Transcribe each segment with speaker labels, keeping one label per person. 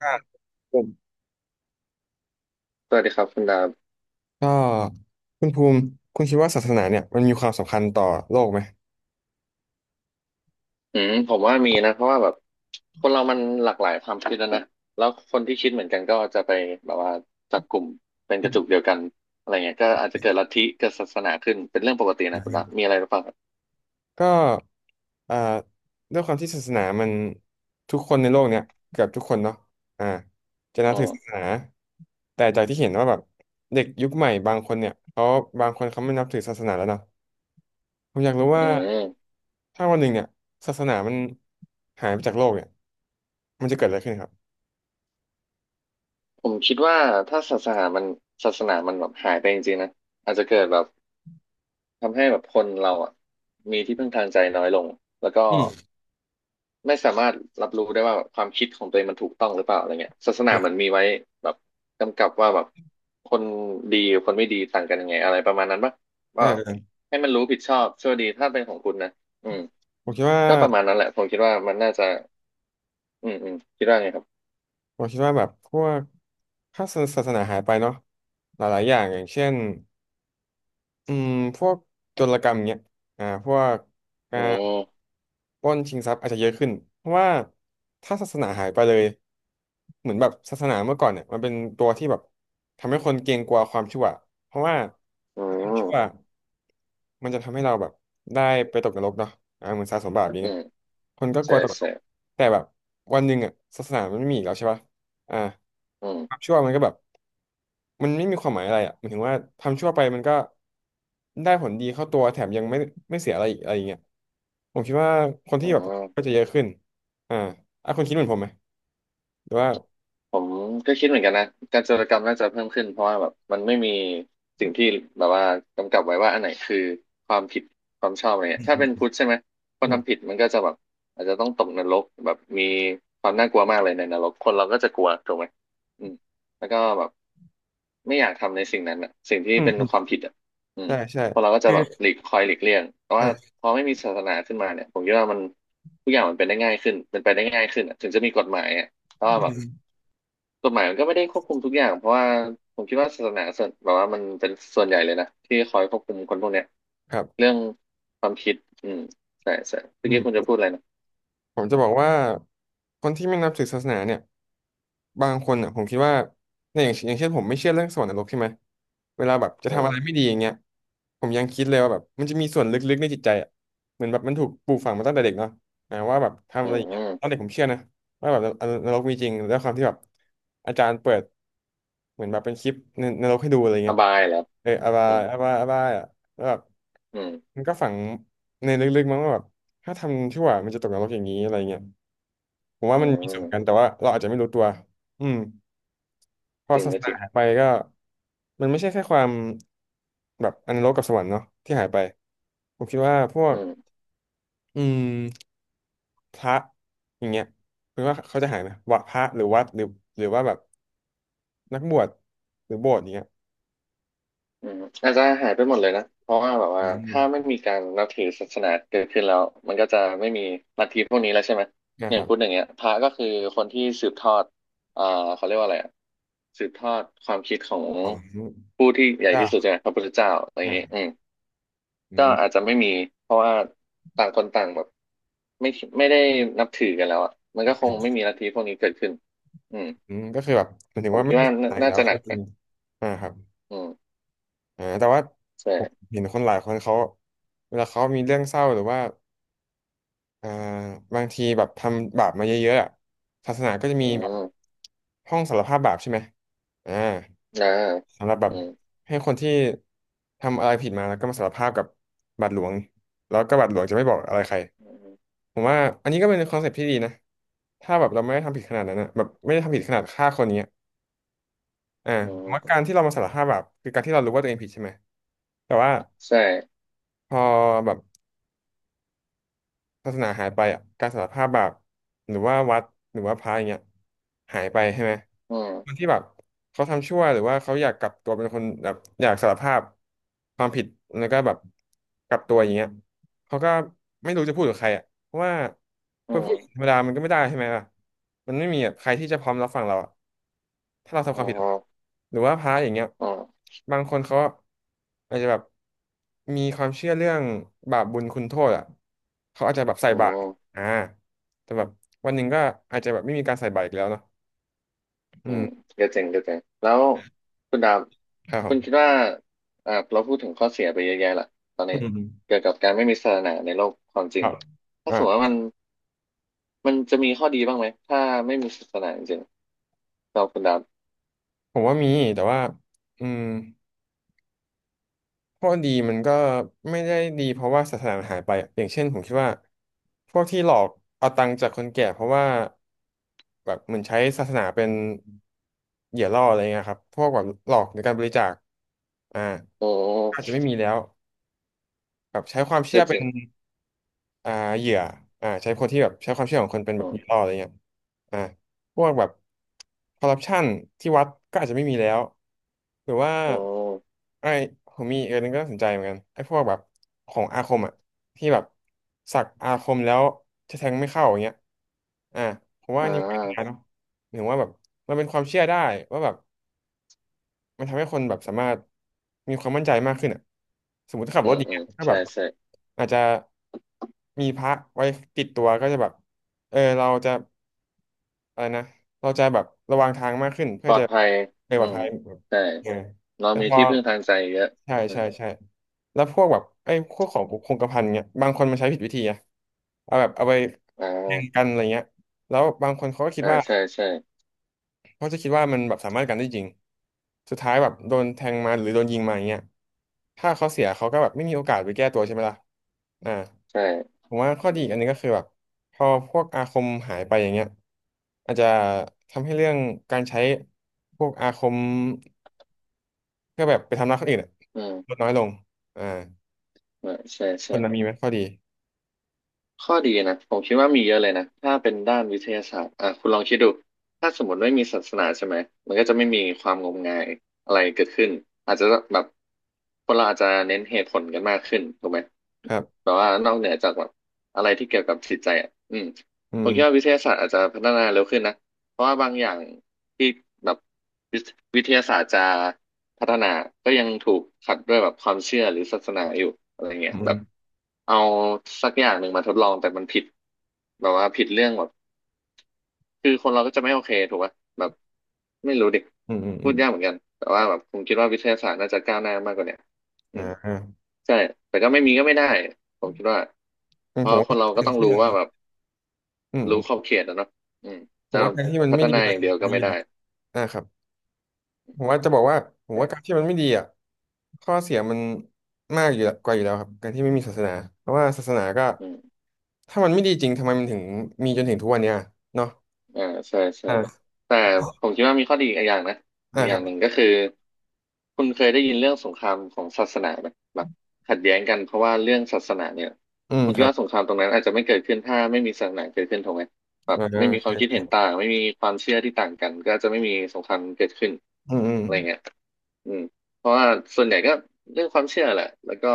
Speaker 1: อ่ผม
Speaker 2: สวัสดีครับคุณดาบ
Speaker 1: ก็คุณภูมิคุณคิดว่าศาสนาเนี่ยมันมีความสำคัญต่อโลกไหม
Speaker 2: อืมผมว่ามีนะเพราะว่าแบบคนเรามันหลากหลายความคิดนะแล้วคนที่คิดเหมือนกันก็จะไปแบบว่าจับกลุ่มเป็นกระจุกเดียวกันอะไรเงี้ยก็อาจจะเกิดลัทธิเกิดศาสนาขึ้นเป็นเรื่องปกติ
Speaker 1: อื
Speaker 2: นะคุณ
Speaker 1: ม
Speaker 2: ดาบมีอะไรหรือเปล่าครับ
Speaker 1: ก็อ่าด้วยความที่ศาสนามันทุกคนในโลกเนี่ยเกือบทุกคนเนาะอ่าจะนั
Speaker 2: อื
Speaker 1: บถื
Speaker 2: ม
Speaker 1: อศาสนาแต่จากที่เห็นว่าแบบเด็กยุคใหม่บางคนเนี่ยเขาบางคนเขาไม่นับถือศาสนาแล้วเนาะผมอยากรู้
Speaker 2: อื
Speaker 1: ว่า
Speaker 2: ม
Speaker 1: ถ้าวันหนึ่งเนี่ยศาสนามันหายไปจากโลกเนี่ยมันจะเกิดอะไรขึ้นครับ
Speaker 2: ผมคิดว่าถ้าศาสนามันแบบหายไปจริงๆนะอาจจะเกิดแบบ ทำให้แบบคนเราอ่ะมีที่พึ่งทางใจน้อยลงแล้วก็
Speaker 1: อืม
Speaker 2: ไม่สามารถรับรู้ได้ว่าแบบความคิดของตัวเองมันถูกต้องหรือเปล่าอะไรเงี้ยศาสนา
Speaker 1: อ่
Speaker 2: เหมือนมีไว้แบบกำกับว่าแบบคนดีกับคนไม่ดีต่างกันยังไงอะไรประมาณนั้นปะ
Speaker 1: า
Speaker 2: ก็
Speaker 1: อ่า
Speaker 2: ให้มันรู้ผิดชอบชั่วดีถ้าเป็นของคุณนะอืม
Speaker 1: ผมคิดว่า
Speaker 2: ก็ประมาณนั้นแหละผมคิดว่ามันน่าจะอืมคิดว่าไงครับ
Speaker 1: ผมคิดว่าแบบพวกถ้าศาสนาหายไปเนาะหลายๆอย่างอย่างเช่นอืมพวกโจรกรรมเงี้ยพวกกา
Speaker 2: อื
Speaker 1: ร
Speaker 2: ม
Speaker 1: ปล้นชิงทรัพย์อาจจะเยอะขึ้นเพราะว่าถ้าศาสนาหายไปเลยเหมือนแบบศาสนาเมื่อก่อนเนี่ยมันเป็นตัวที่แบบทำให้คนเกรงกลัวความชั่วเพราะว่า
Speaker 2: อื
Speaker 1: ถ้ามันชั่ว
Speaker 2: ม
Speaker 1: มันจะทำให้เราแบบได้ไปตกนรกเนาะเหมือนสะสมบาปอย่าง
Speaker 2: อื
Speaker 1: เงี้ย
Speaker 2: ม
Speaker 1: คนก็ก
Speaker 2: ใช่
Speaker 1: ลัวตกนร
Speaker 2: ใช่
Speaker 1: กแต่แบบวันหนึ่งอ่ะศาสนามันไม่มีอีกแล้วใช่ปะอ่า
Speaker 2: อืม
Speaker 1: ความชั่วมันก็แบบ มันไม่มีความหมายอะไรอ่ะหมายถึงว่าทำชั่วไปมันก็ได้ผลดีเข้าตัวแถมยังไม่เสียอะไรอีกอะไรอย่างเงี้ยผมคิดว่าคน
Speaker 2: อื
Speaker 1: ที่แบบก็
Speaker 2: ม
Speaker 1: จะเยอะขึ้นอ่าอ่ะคุณคิดเหมือนผมไหมหรือว่า
Speaker 2: ผมก็คิดเหมือนกันนะการจาราจรมน่าจะเพิ่มขึ้นเพราะว่าแบบมันไม่มีสิ่งที่แบบว่ากำกับไว้ว่าอันไหนคือความผิดความชอบอะไรเงี้ยถ้าเป็นพุทธใช่ไหมค
Speaker 1: อื
Speaker 2: นทำผิ
Speaker 1: ม
Speaker 2: ดมันก็จะแบบอาจจะต้องตกนรกแบบมีความน่ากลัวมากเลยในนรกคนเราก็จะกลัวถูกไหมอืมแล้วก็แบบไม่อยากทำในสิ่งนั้นอ่ะสิ่งที่
Speaker 1: อืม
Speaker 2: เป็นความผิดอ่ะอืม
Speaker 1: ใช่ใช่
Speaker 2: คนเราก็จะ
Speaker 1: คือ
Speaker 2: แบบหลีกเลี่ยงแต่ว่า
Speaker 1: อ่ะ
Speaker 2: พอไม่มีศาสนาขึ้นมาเนี่ยผมคิดว่ามันทุกอย่างมันเป็นได้ง่ายขึ้นเป็นไปได้ง่ายขึ้นอะถึงจะมีกฎหมายอะ ก็
Speaker 1: อื
Speaker 2: แบบ
Speaker 1: ม
Speaker 2: กฎหมายมันก็ไม่ได้ควบคุมทุกอย่างเพราะว่าผมคิดว่าศาสนาส่วนแบบว่ามันเป็นส่วนใหญ่เลยนะที่คอยควบคุมคนพวกเนี้ย
Speaker 1: ครับ
Speaker 2: เรื่องความคิดอืมใช่ใช่เมื่
Speaker 1: อื
Speaker 2: อกี้คุณจะ
Speaker 1: ม
Speaker 2: พูดอะไรนะ
Speaker 1: ผมจะบอกว่าคนที่ไม่นับถือศาสนาเนี่ยบางคนอ่ะผมคิดว่าในอย่างอย่างเช่นผมไม่เชื่อเรื่องสวรรค์นรกใช่ไหมเวลาแบบจะ
Speaker 2: อื
Speaker 1: ทำอะ
Speaker 2: ม
Speaker 1: ไรไม่ดีอย่างเงี้ยผมยังคิดเลยว่าแบบมันจะมีส่วนลึกๆในจิตใจอ่ะเหมือนแบบมันถูกปลูกฝังมาตั้งแต่เด็กเนาะ ทำ
Speaker 2: อื
Speaker 1: อะไรอ
Speaker 2: ม
Speaker 1: ย่าง
Speaker 2: อื
Speaker 1: เงี้ย
Speaker 2: ม
Speaker 1: ตอนเด็กผมเชื่อนะว่าแบบนนรกมีจริงแล้วความที่แบบอาจารย์เปิดเหมือนแบบเป็นคลิปในนรกให้ดูอะไร
Speaker 2: อ
Speaker 1: เงี้ย
Speaker 2: บายเหรอ
Speaker 1: อาบา
Speaker 2: อื
Speaker 1: ย
Speaker 2: ม
Speaker 1: อาบายอาบายอ่ะแล้วแบบ
Speaker 2: อืม
Speaker 1: มันก็ฝังในลึกๆมั้งว่าแบบถ้าทำชั่วมันจะตกนรกอย่างนี้อะไรเงี้ยผมว่า
Speaker 2: อื
Speaker 1: มันมีส่
Speaker 2: ม
Speaker 1: วนกันแต่ว่าเราอาจจะไม่รู้ตัวอืมพอ
Speaker 2: จริง
Speaker 1: ศาส
Speaker 2: ก็จ
Speaker 1: นา
Speaker 2: ริง
Speaker 1: หายไปก็มันไม่ใช่แค่ความแบบอนรกกับสวรรค์เนาะที่หายไปผมคิดว่าพว
Speaker 2: อื
Speaker 1: ก
Speaker 2: ม
Speaker 1: อืม พระอย่างเงี้ยคุณว่าเขาจะหายไหมวัดพระหรือวัดหรือหรือว่าแบบนักบวชหรือโบสถ์อย่างเงี้ย
Speaker 2: อืมอาจจะหายไปหมดเลยนะเพราะว่าแบบว่า
Speaker 1: อืม
Speaker 2: ถ้าไม่มีการนับถือศาสนาเกิดขึ้นแล้วมันก็จะไม่มีลัทธิพวกนี้แล้วใช่ไหม
Speaker 1: นะ
Speaker 2: อ
Speaker 1: ค
Speaker 2: ย่าง
Speaker 1: รั
Speaker 2: พูดอ
Speaker 1: บ
Speaker 2: ย่างเงี้ยพระก็คือคนที่สืบทอดอ่าเขาเรียกว่าอะไรอะสืบทอดความคิดของ
Speaker 1: ของ
Speaker 2: ผู้ที่ใหญ่
Speaker 1: เจ้า
Speaker 2: ที่สุดใช่ไหมพระพุทธเจ้าอะไรอ
Speaker 1: อ่
Speaker 2: ย่างเงี้ย
Speaker 1: า
Speaker 2: อืม
Speaker 1: อื
Speaker 2: ก็
Speaker 1: ม
Speaker 2: อาจจะไม่มีเพราะว่าต่างคนต่างแบบไม่ไม่ได้นับถือกันแล้วอ่ะมันก็คงไม่มีลัทธิพวกนี้เกิดขึ้นอืม
Speaker 1: อืมก็คือแบบหมายถึ
Speaker 2: ผ
Speaker 1: ง
Speaker 2: ม
Speaker 1: ว่า
Speaker 2: คิ
Speaker 1: ไม่
Speaker 2: ด
Speaker 1: มี
Speaker 2: ว่า
Speaker 1: ศาส
Speaker 2: น่า
Speaker 1: นาอีก
Speaker 2: น่า
Speaker 1: แล้ว
Speaker 2: จะหนั
Speaker 1: ก็
Speaker 2: ก
Speaker 1: คือ
Speaker 2: นะ
Speaker 1: ครับ
Speaker 2: อืม
Speaker 1: แต่ว่าผม
Speaker 2: ใช่
Speaker 1: เห็นคนหลายคนเขาเวลาเขามีเรื่องเศร้าหรือว่าอ่าบางทีแบบทำบาปมาเยอะๆอะศาสนาก็จะมี
Speaker 2: อื
Speaker 1: แบบ
Speaker 2: ม
Speaker 1: ห้องสารภาพบาปใช่ไหมอ่า
Speaker 2: นะ
Speaker 1: สำหรับแบบ
Speaker 2: อืม
Speaker 1: ให้คนที่ทำอะไรผิดมาแล้วก็มาสารภาพกับบาดหลวงแล้วก็บาทหลวงจะไม่บอกอะไรใคร
Speaker 2: อืม
Speaker 1: ผมว่าอันนี้ก็เป็นคอนเซ็ปต์ที่ดีนะถ้าแบบเราไม่ได้ทำผิดขนาดนั้นนะแบบไม่ได้ทำผิดขนาดฆ่าคนเนี้ยอ่า
Speaker 2: อื
Speaker 1: ผม
Speaker 2: ม
Speaker 1: ว่าการที่เรามาสารภาพแบบคือการที่เรารู้ว่าตัวเองผิดใช่ไหมแต่ว่า
Speaker 2: ใช่
Speaker 1: พอแบบ ศาสนาหายไปอ่ะการสารภาพบาปหรือว่าวัดหรือว่าพระอย่างเงี้ยหายไปใช่ไหม
Speaker 2: อื
Speaker 1: คน
Speaker 2: ม
Speaker 1: ที่แบบเขาทำชั่วหรือว่าเขาอยากกลับตัวเป็นคนแบบอยากสารภาพความผิดแล้วก็แบบกลับตัวอย่างเงี้ย เขาก็ไม่รู้จะพูดกับใครอ่ะเพราะว่าพ
Speaker 2: อื
Speaker 1: อพูดธรรม
Speaker 2: ม
Speaker 1: ดามันก็ไม่ได้ใช่ไหมล่ะมันไม่มีแบบใครที่จะพร้อมรับฟังเราอะถ้าเราทำ
Speaker 2: อ๋
Speaker 1: ค
Speaker 2: อ
Speaker 1: วามผิดอะหรือว่าพระอย่างเงี้ย
Speaker 2: อ๋อ
Speaker 1: บางคนเขาอาจจะแบบมีความเชื่อเรื่องบาปบุญคุณโทษอ่ะเขาอาจจะแบบใส่
Speaker 2: อื
Speaker 1: บาตร
Speaker 2: ม
Speaker 1: อ่าแต่แบบวันหนึ่งก็อาจจะแบบไม่มีการใส่บาตรอีกแล้วเนาะ
Speaker 2: อื
Speaker 1: อืม
Speaker 2: มก็เจ๋งก็เจ๋งแล้วคุณดาบ
Speaker 1: ครับผ
Speaker 2: คุณคิด
Speaker 1: ม
Speaker 2: ว่าอ่าเราพูดถึงข้อเสียไปเยอะแยะละตอน
Speaker 1: อื
Speaker 2: นี้
Speaker 1: ม
Speaker 2: เกี่ยวกับการไม่มีศาสนาในโลกความจ
Speaker 1: ค
Speaker 2: ริง
Speaker 1: รับ
Speaker 2: ถ้า
Speaker 1: อ่า
Speaker 2: สมมติว่ามันจะมีข้อดีบ้างไหมถ้าไม่มีศาสนาจริงๆเราคุณดาบ
Speaker 1: ผมว่ามีแต่ว่าอืม ข้อดีมันก็ไม่ได้ดีเพราะว่าศาสนาหายไปอะอย่างเช่นผมคิดว่าพวกที่หลอกเอาตังค์จากคนแก่เพราะว่าแบบเหมือนใช้ศาสนาเป็นเหยื่อล่ออะไรเงี้ยครับพวกแบบหลอกในการบริจาคอ่า
Speaker 2: โอ
Speaker 1: อาจจะ
Speaker 2: ้
Speaker 1: ไม่มีแล้วแบบใช้ความเชื่
Speaker 2: ก็
Speaker 1: อ
Speaker 2: จ
Speaker 1: เป็
Speaker 2: ริ
Speaker 1: น
Speaker 2: ง
Speaker 1: อ่าเหยื่อใช้คนที่แบบใช้ความเชื่อของคนเป็น
Speaker 2: อื
Speaker 1: แบบเห
Speaker 2: ม
Speaker 1: ยื่อล่ออะไรเงี้ยอ่าพวกแบบคอร์รัปชันที่วัดก็อาจจะไม่มีแล้วหรือว่า
Speaker 2: อืม
Speaker 1: ไอ้ผมมีอีกอันหนึงก็น่าสนใจเหมือนกันไอ้พวกแบบของอาคมอ่ะที่แบบสักอาคมแล้วจะแทงไม่เข้าอย่างเงี้ยอ่าผมว่า
Speaker 2: อ่
Speaker 1: อันนี้ไม่ได้นะ
Speaker 2: า
Speaker 1: เนอะหรือว่าแบบมันเป็นความเชื่อได้ว่าแบบ มันทำให้คนแบบสามารถมีความมั่นใจมากขึ้นอ่ะสมมติถ้าขับ
Speaker 2: อื
Speaker 1: รถ
Speaker 2: ม
Speaker 1: อย่าง
Speaker 2: อื
Speaker 1: เงี้ย
Speaker 2: ม
Speaker 1: ถ้าแบ
Speaker 2: ใช่
Speaker 1: บ
Speaker 2: ใช่
Speaker 1: อาจจะมีพระไว้ติดตัวก็จะแบบเออเราจะอะไรนะเราจะแบบระวังทางมากขึ้นเพื่
Speaker 2: ป
Speaker 1: อ
Speaker 2: ลอ
Speaker 1: จะ
Speaker 2: ดภัย
Speaker 1: ไปป
Speaker 2: อื
Speaker 1: ลอด
Speaker 2: ม
Speaker 1: ภัย
Speaker 2: ใช่
Speaker 1: เออ
Speaker 2: เรา
Speaker 1: แต่
Speaker 2: มี
Speaker 1: พอ
Speaker 2: ที่พึ่งทางใจเยอะ
Speaker 1: ใช่
Speaker 2: อื
Speaker 1: ใช่
Speaker 2: ม
Speaker 1: ใช่แล้วพวกแบบไอ้พวกของคงกระพันเนี่ยบางคนมันใช้ผิดวิธีอะเอาแบบเอาไป
Speaker 2: อ่
Speaker 1: แทง
Speaker 2: า
Speaker 1: กันอะไรเงี้ยแล้วบางคนเขาก็คิด
Speaker 2: อ่า
Speaker 1: ว่า
Speaker 2: ใช่ใช่
Speaker 1: เพราะจะคิดว่ามันแบบสามารถกันได้จริง สุดท้ายแบบโดนแทงมาหรือโดนยิงมาอย่างเงี้ยถ้าเขาเสียเขาก็แบบไม่มีโอกาสไปแก้ตัวใช่ไหมล่ะอ่า
Speaker 2: ใช่
Speaker 1: ผมว่าข้อ
Speaker 2: อื
Speaker 1: ดีอี
Speaker 2: ม
Speaker 1: กอันหนึงก็คือแบบพอพวกอาคมหายไปอย่างเงี้ยอาจจะทำให้เรื่องการใช้พวกอาคมเพื่อแบบไปทำร้ายคนอื่นอะ
Speaker 2: อื
Speaker 1: ลด
Speaker 2: ม
Speaker 1: น้อยลงอ่า
Speaker 2: อ่าใช่
Speaker 1: ค
Speaker 2: ใช่
Speaker 1: นนั้นมีไหมข้อดี
Speaker 2: ข้อดีนะผมคิดว่ามีเยอะเลยนะถ้าเป็นด้านวิทยาศาสตร์อ่าคุณลองคิดดูถ้าสมมติไม่มีศาสนาใช่ไหมมันก็จะไม่มีความงมงายอะไรเกิดขึ้นอาจจะแบบคนเราอาจจะเน้นเหตุผลกันมากขึ้นถูกไหม
Speaker 1: ครับ
Speaker 2: แต่ว่านอกเหนือจากแบบอะไรที่เกี่ยวกับจิตใจอ่ะอืม
Speaker 1: อื
Speaker 2: ผมคิดว่าวิ
Speaker 1: ม
Speaker 2: ทยาศาสตร์อาจจะพัฒนาเร็วขึ้นนะเพราะว่าบางอย่างที่แบบวิทวิทยาศาสตร์จะ พัฒนา ก็ยังถูกขัดด้วยแบบความเชื่อหรือศาสนาอยู่อะไรเงี้
Speaker 1: อื
Speaker 2: ยแบ
Speaker 1: ม
Speaker 2: บเอาสักอย่างหนึ่งมาทดลองแต่มันผิดแบบว่าผิดเรื่องแบบคือคนเราก็จะไม่โอเคถูกป่ะแบบไม่รู้ดิ
Speaker 1: อืมอืมอื
Speaker 2: พู
Speaker 1: ม
Speaker 2: ดยากเหมือนกัน แต่ว่าแบบผมคิดว่าวิทยาศาสตร์น่าจะก้าวหน้ามากกว่าเนี้ยอื
Speaker 1: อ่า
Speaker 2: ม
Speaker 1: อ่า
Speaker 2: ใช่ แต่ก็ไม่มีก็ไม่ได้ ผมคิดว่า
Speaker 1: ผ
Speaker 2: เพราะ
Speaker 1: ม
Speaker 2: คน
Speaker 1: ว่า
Speaker 2: เราก็ต้องรู้ว่าแบบ
Speaker 1: อื
Speaker 2: รู้ข
Speaker 1: ม
Speaker 2: อบเขตนะเนาะอืม
Speaker 1: ผม
Speaker 2: จะ
Speaker 1: ว่าการที่มัน
Speaker 2: พั
Speaker 1: ไม่
Speaker 2: ฒ
Speaker 1: ดี
Speaker 2: นาอ
Speaker 1: มัน
Speaker 2: ย่างเดียวก็
Speaker 1: ไม่ดี
Speaker 2: ไม่
Speaker 1: หรอ
Speaker 2: ได้
Speaker 1: กอ่าครับ ผมว่าจะบอกว่าผมว่าการ
Speaker 2: แต่
Speaker 1: ที่มันไม่ดีอ่ะข้อเสียมันมากอยู่แล้วกว่าอยู่แล้วครับการที่ไม่มีศาสนาเพราะว่าศาสนาก็
Speaker 2: อืม
Speaker 1: ถ้ามันไม่ดีจริงทำไมมันถึงมีจนถึงทุกวันเนี้ยเนาะ
Speaker 2: อ่าใช่ใช่
Speaker 1: อ่า
Speaker 2: แต่ผมคิดว่ามีข้อดีอีกอย่างนะ
Speaker 1: อ่า
Speaker 2: อีกอ
Speaker 1: ค
Speaker 2: ย่า
Speaker 1: รั
Speaker 2: งหนึ่
Speaker 1: บ
Speaker 2: งก็คือคุณเคยได้ยินเรื่องสงครามของศาสนาไหมแบบขัดแย้งกันเพราะว่าเรื่องศาสนาเนี่ย
Speaker 1: อืม
Speaker 2: ผม
Speaker 1: ค
Speaker 2: คิด
Speaker 1: รับ
Speaker 2: ว่าสงครามตรงนั้นอาจจะไม่เกิดขึ้นถ้าไม่มีศาสนาเกิดขึ้นถูกไหมแบบ
Speaker 1: อ่า
Speaker 2: ไม่มีค
Speaker 1: ใช
Speaker 2: วามคิด
Speaker 1: ่
Speaker 2: เห็นต่างไม่มีความเชื่อที่ต่างกันก็จะไม่มีสงครามเกิดขึ้น
Speaker 1: อืมอืม
Speaker 2: อะไรเงี้ยอืมเพราะว่าส่วนใหญ่ก็เรื่องความเชื่อแหละแล้วก็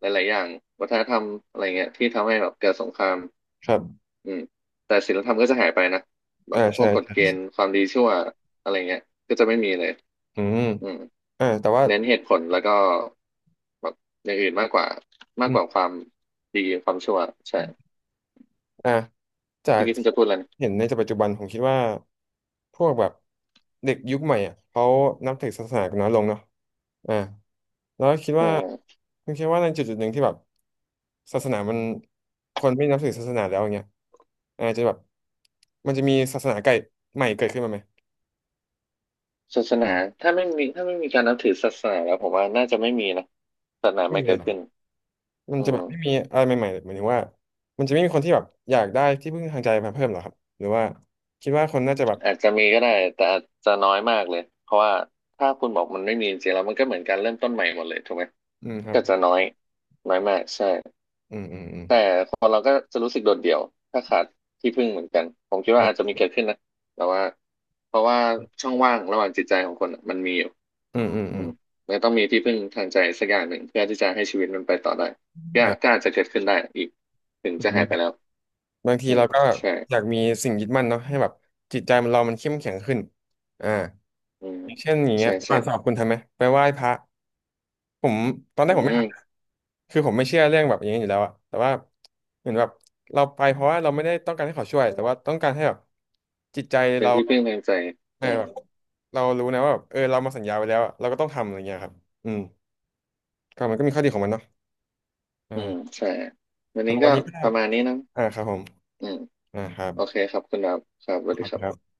Speaker 2: หลายๆอย่างวัฒนธรรมอะไรเงี้ยที่ทำให้แบบเกิดสงคราม
Speaker 1: ครับ
Speaker 2: อืมแต่ศีลธรรมก็จะหายไปนะแบ
Speaker 1: อ่า
Speaker 2: บพว
Speaker 1: ใช่
Speaker 2: กกฎ
Speaker 1: ใช่
Speaker 2: เกณฑ์ความดีชั่วอะไรเงี้ยก็จะไม่มีเลย
Speaker 1: อืม
Speaker 2: อืม
Speaker 1: แต่ว่า
Speaker 2: เน้นเหตุผลแล้วก็แบบอย่างอื่นมากกว่ามา
Speaker 1: อื
Speaker 2: กกว่า
Speaker 1: ม
Speaker 2: ความดีความชั่วใช่
Speaker 1: อ่าจา
Speaker 2: เมื่อ
Speaker 1: ก
Speaker 2: กี้ค่
Speaker 1: ที่
Speaker 2: งจะพูดอะไรนะ
Speaker 1: เห็นในปัจจุบันผมคิดว่า พวกแบบเด็กยุคใหม่อ่ะเขานับถือศาสนากันน้อยลงเนาะอ่าแล้วคิด
Speaker 2: เ
Speaker 1: ว่า
Speaker 2: ออ
Speaker 1: คุณคิดว่าในจุดจุดหนึ่งที่แบบศาสนามันคนไม่นับถือศาสนาแล้วอย่างเงี้ยอาจจะแบบมันจะมีศาสนาไก่ใหม่เกิดขึ้นมาไหม
Speaker 2: ศาสนาถ้าไม่มีการนับถือศาสนาแล้วผมว่าน่าจะไม่มีนะศาสนา
Speaker 1: ไม่
Speaker 2: ไม่
Speaker 1: มีเล
Speaker 2: เกิ
Speaker 1: ย
Speaker 2: ด
Speaker 1: เหร
Speaker 2: ขึ้น
Speaker 1: อมัน
Speaker 2: อื
Speaker 1: จะแบบไม่มี
Speaker 2: ม
Speaker 1: อะไรใหม่ๆหมายถึงว่ามันจะไม่มีคนที่แบบอยากได้ที่พึ่งทางใจมาเพิ่มเหรอครับหรือว่าคิดว่าคนน่าจะแบบ
Speaker 2: อาจจะมีก็ได้แต่อาจจะน้อยมากเลยเพราะว่าถ้าคุณบอกมันไม่มีจริงๆแล้วมันก็เหมือนการเริ่มต้นใหม่หมดเลยถูกไหม
Speaker 1: อืมครับ
Speaker 2: ก็จะน้อยน้อยมากใช่
Speaker 1: อืมอืมอืม
Speaker 2: แต่คนเราก็จะรู้สึกโดดเดี่ยวถ้าขาดที่พึ่งเหมือนกันผมคิดว่าอาจจะ
Speaker 1: ใช่
Speaker 2: มีเกิดขึ้นนะแต่ว่าเพราะว่าช่องว่างระหว่างจิตใจของคนอะมันมีอยู่
Speaker 1: อืมอืม
Speaker 2: อื
Speaker 1: อืม
Speaker 2: มมันต้องมีที่พึ่งทางใจสักอย่างหนึ่งเพื่อที่จะให้ชีวิตมันไปต่อได้ก็
Speaker 1: ครั
Speaker 2: ก็
Speaker 1: บ
Speaker 2: อาจจะเกิดขึ้นได้อีกถึงจะหายไปแล้ว
Speaker 1: บางที
Speaker 2: อืม
Speaker 1: เราก็แบบ
Speaker 2: ใช่
Speaker 1: อยากมีสิ่งยึดมั่นเนาะให้แบบจิตใจมันเรามันเข้มแข็งขึ้นอ่า
Speaker 2: อืม
Speaker 1: อย่างเช่นอย่างเงี้
Speaker 2: ใช่
Speaker 1: ยก่
Speaker 2: ใช่
Speaker 1: อนสอบคุณทำไหมไปไหว้พระผมตอนแร
Speaker 2: อื
Speaker 1: กผมไม่
Speaker 2: ม
Speaker 1: ทำนะคือผมไม่เชื่อเรื่องแบบอย่างนี้อยู่แล้วอะแต่ว่าเหมือนแบบเราไปเพราะว่าเราไม่ได้ต้องการให้เขาช่วยแต่ว่าต้องการให้แบบจิตใจ
Speaker 2: เป็น
Speaker 1: เรา
Speaker 2: ที่พึ่งทางใจ
Speaker 1: เออ
Speaker 2: อืม
Speaker 1: แบบเรารู้นะว่าแบบเออเรามาสัญญาไว้แล้วอะเราก็ต้องทำอะไรเงี้ยครับอืมก็มันก็มีข้อดีของมันเนาะ
Speaker 2: อื
Speaker 1: อ่า
Speaker 2: มใช่วัน
Speaker 1: สำห
Speaker 2: นี้
Speaker 1: รับวั
Speaker 2: ก็
Speaker 1: นนี้ก็
Speaker 2: ประมาณนี้นะ
Speaker 1: อ่าครับผม
Speaker 2: อืม
Speaker 1: อ่าครั
Speaker 2: โอเค
Speaker 1: บ
Speaker 2: ครับคุณดาวครับสวัส
Speaker 1: ข
Speaker 2: ดี
Speaker 1: อบ
Speaker 2: ค
Speaker 1: คุ
Speaker 2: รั
Speaker 1: ณครั
Speaker 2: บ
Speaker 1: บ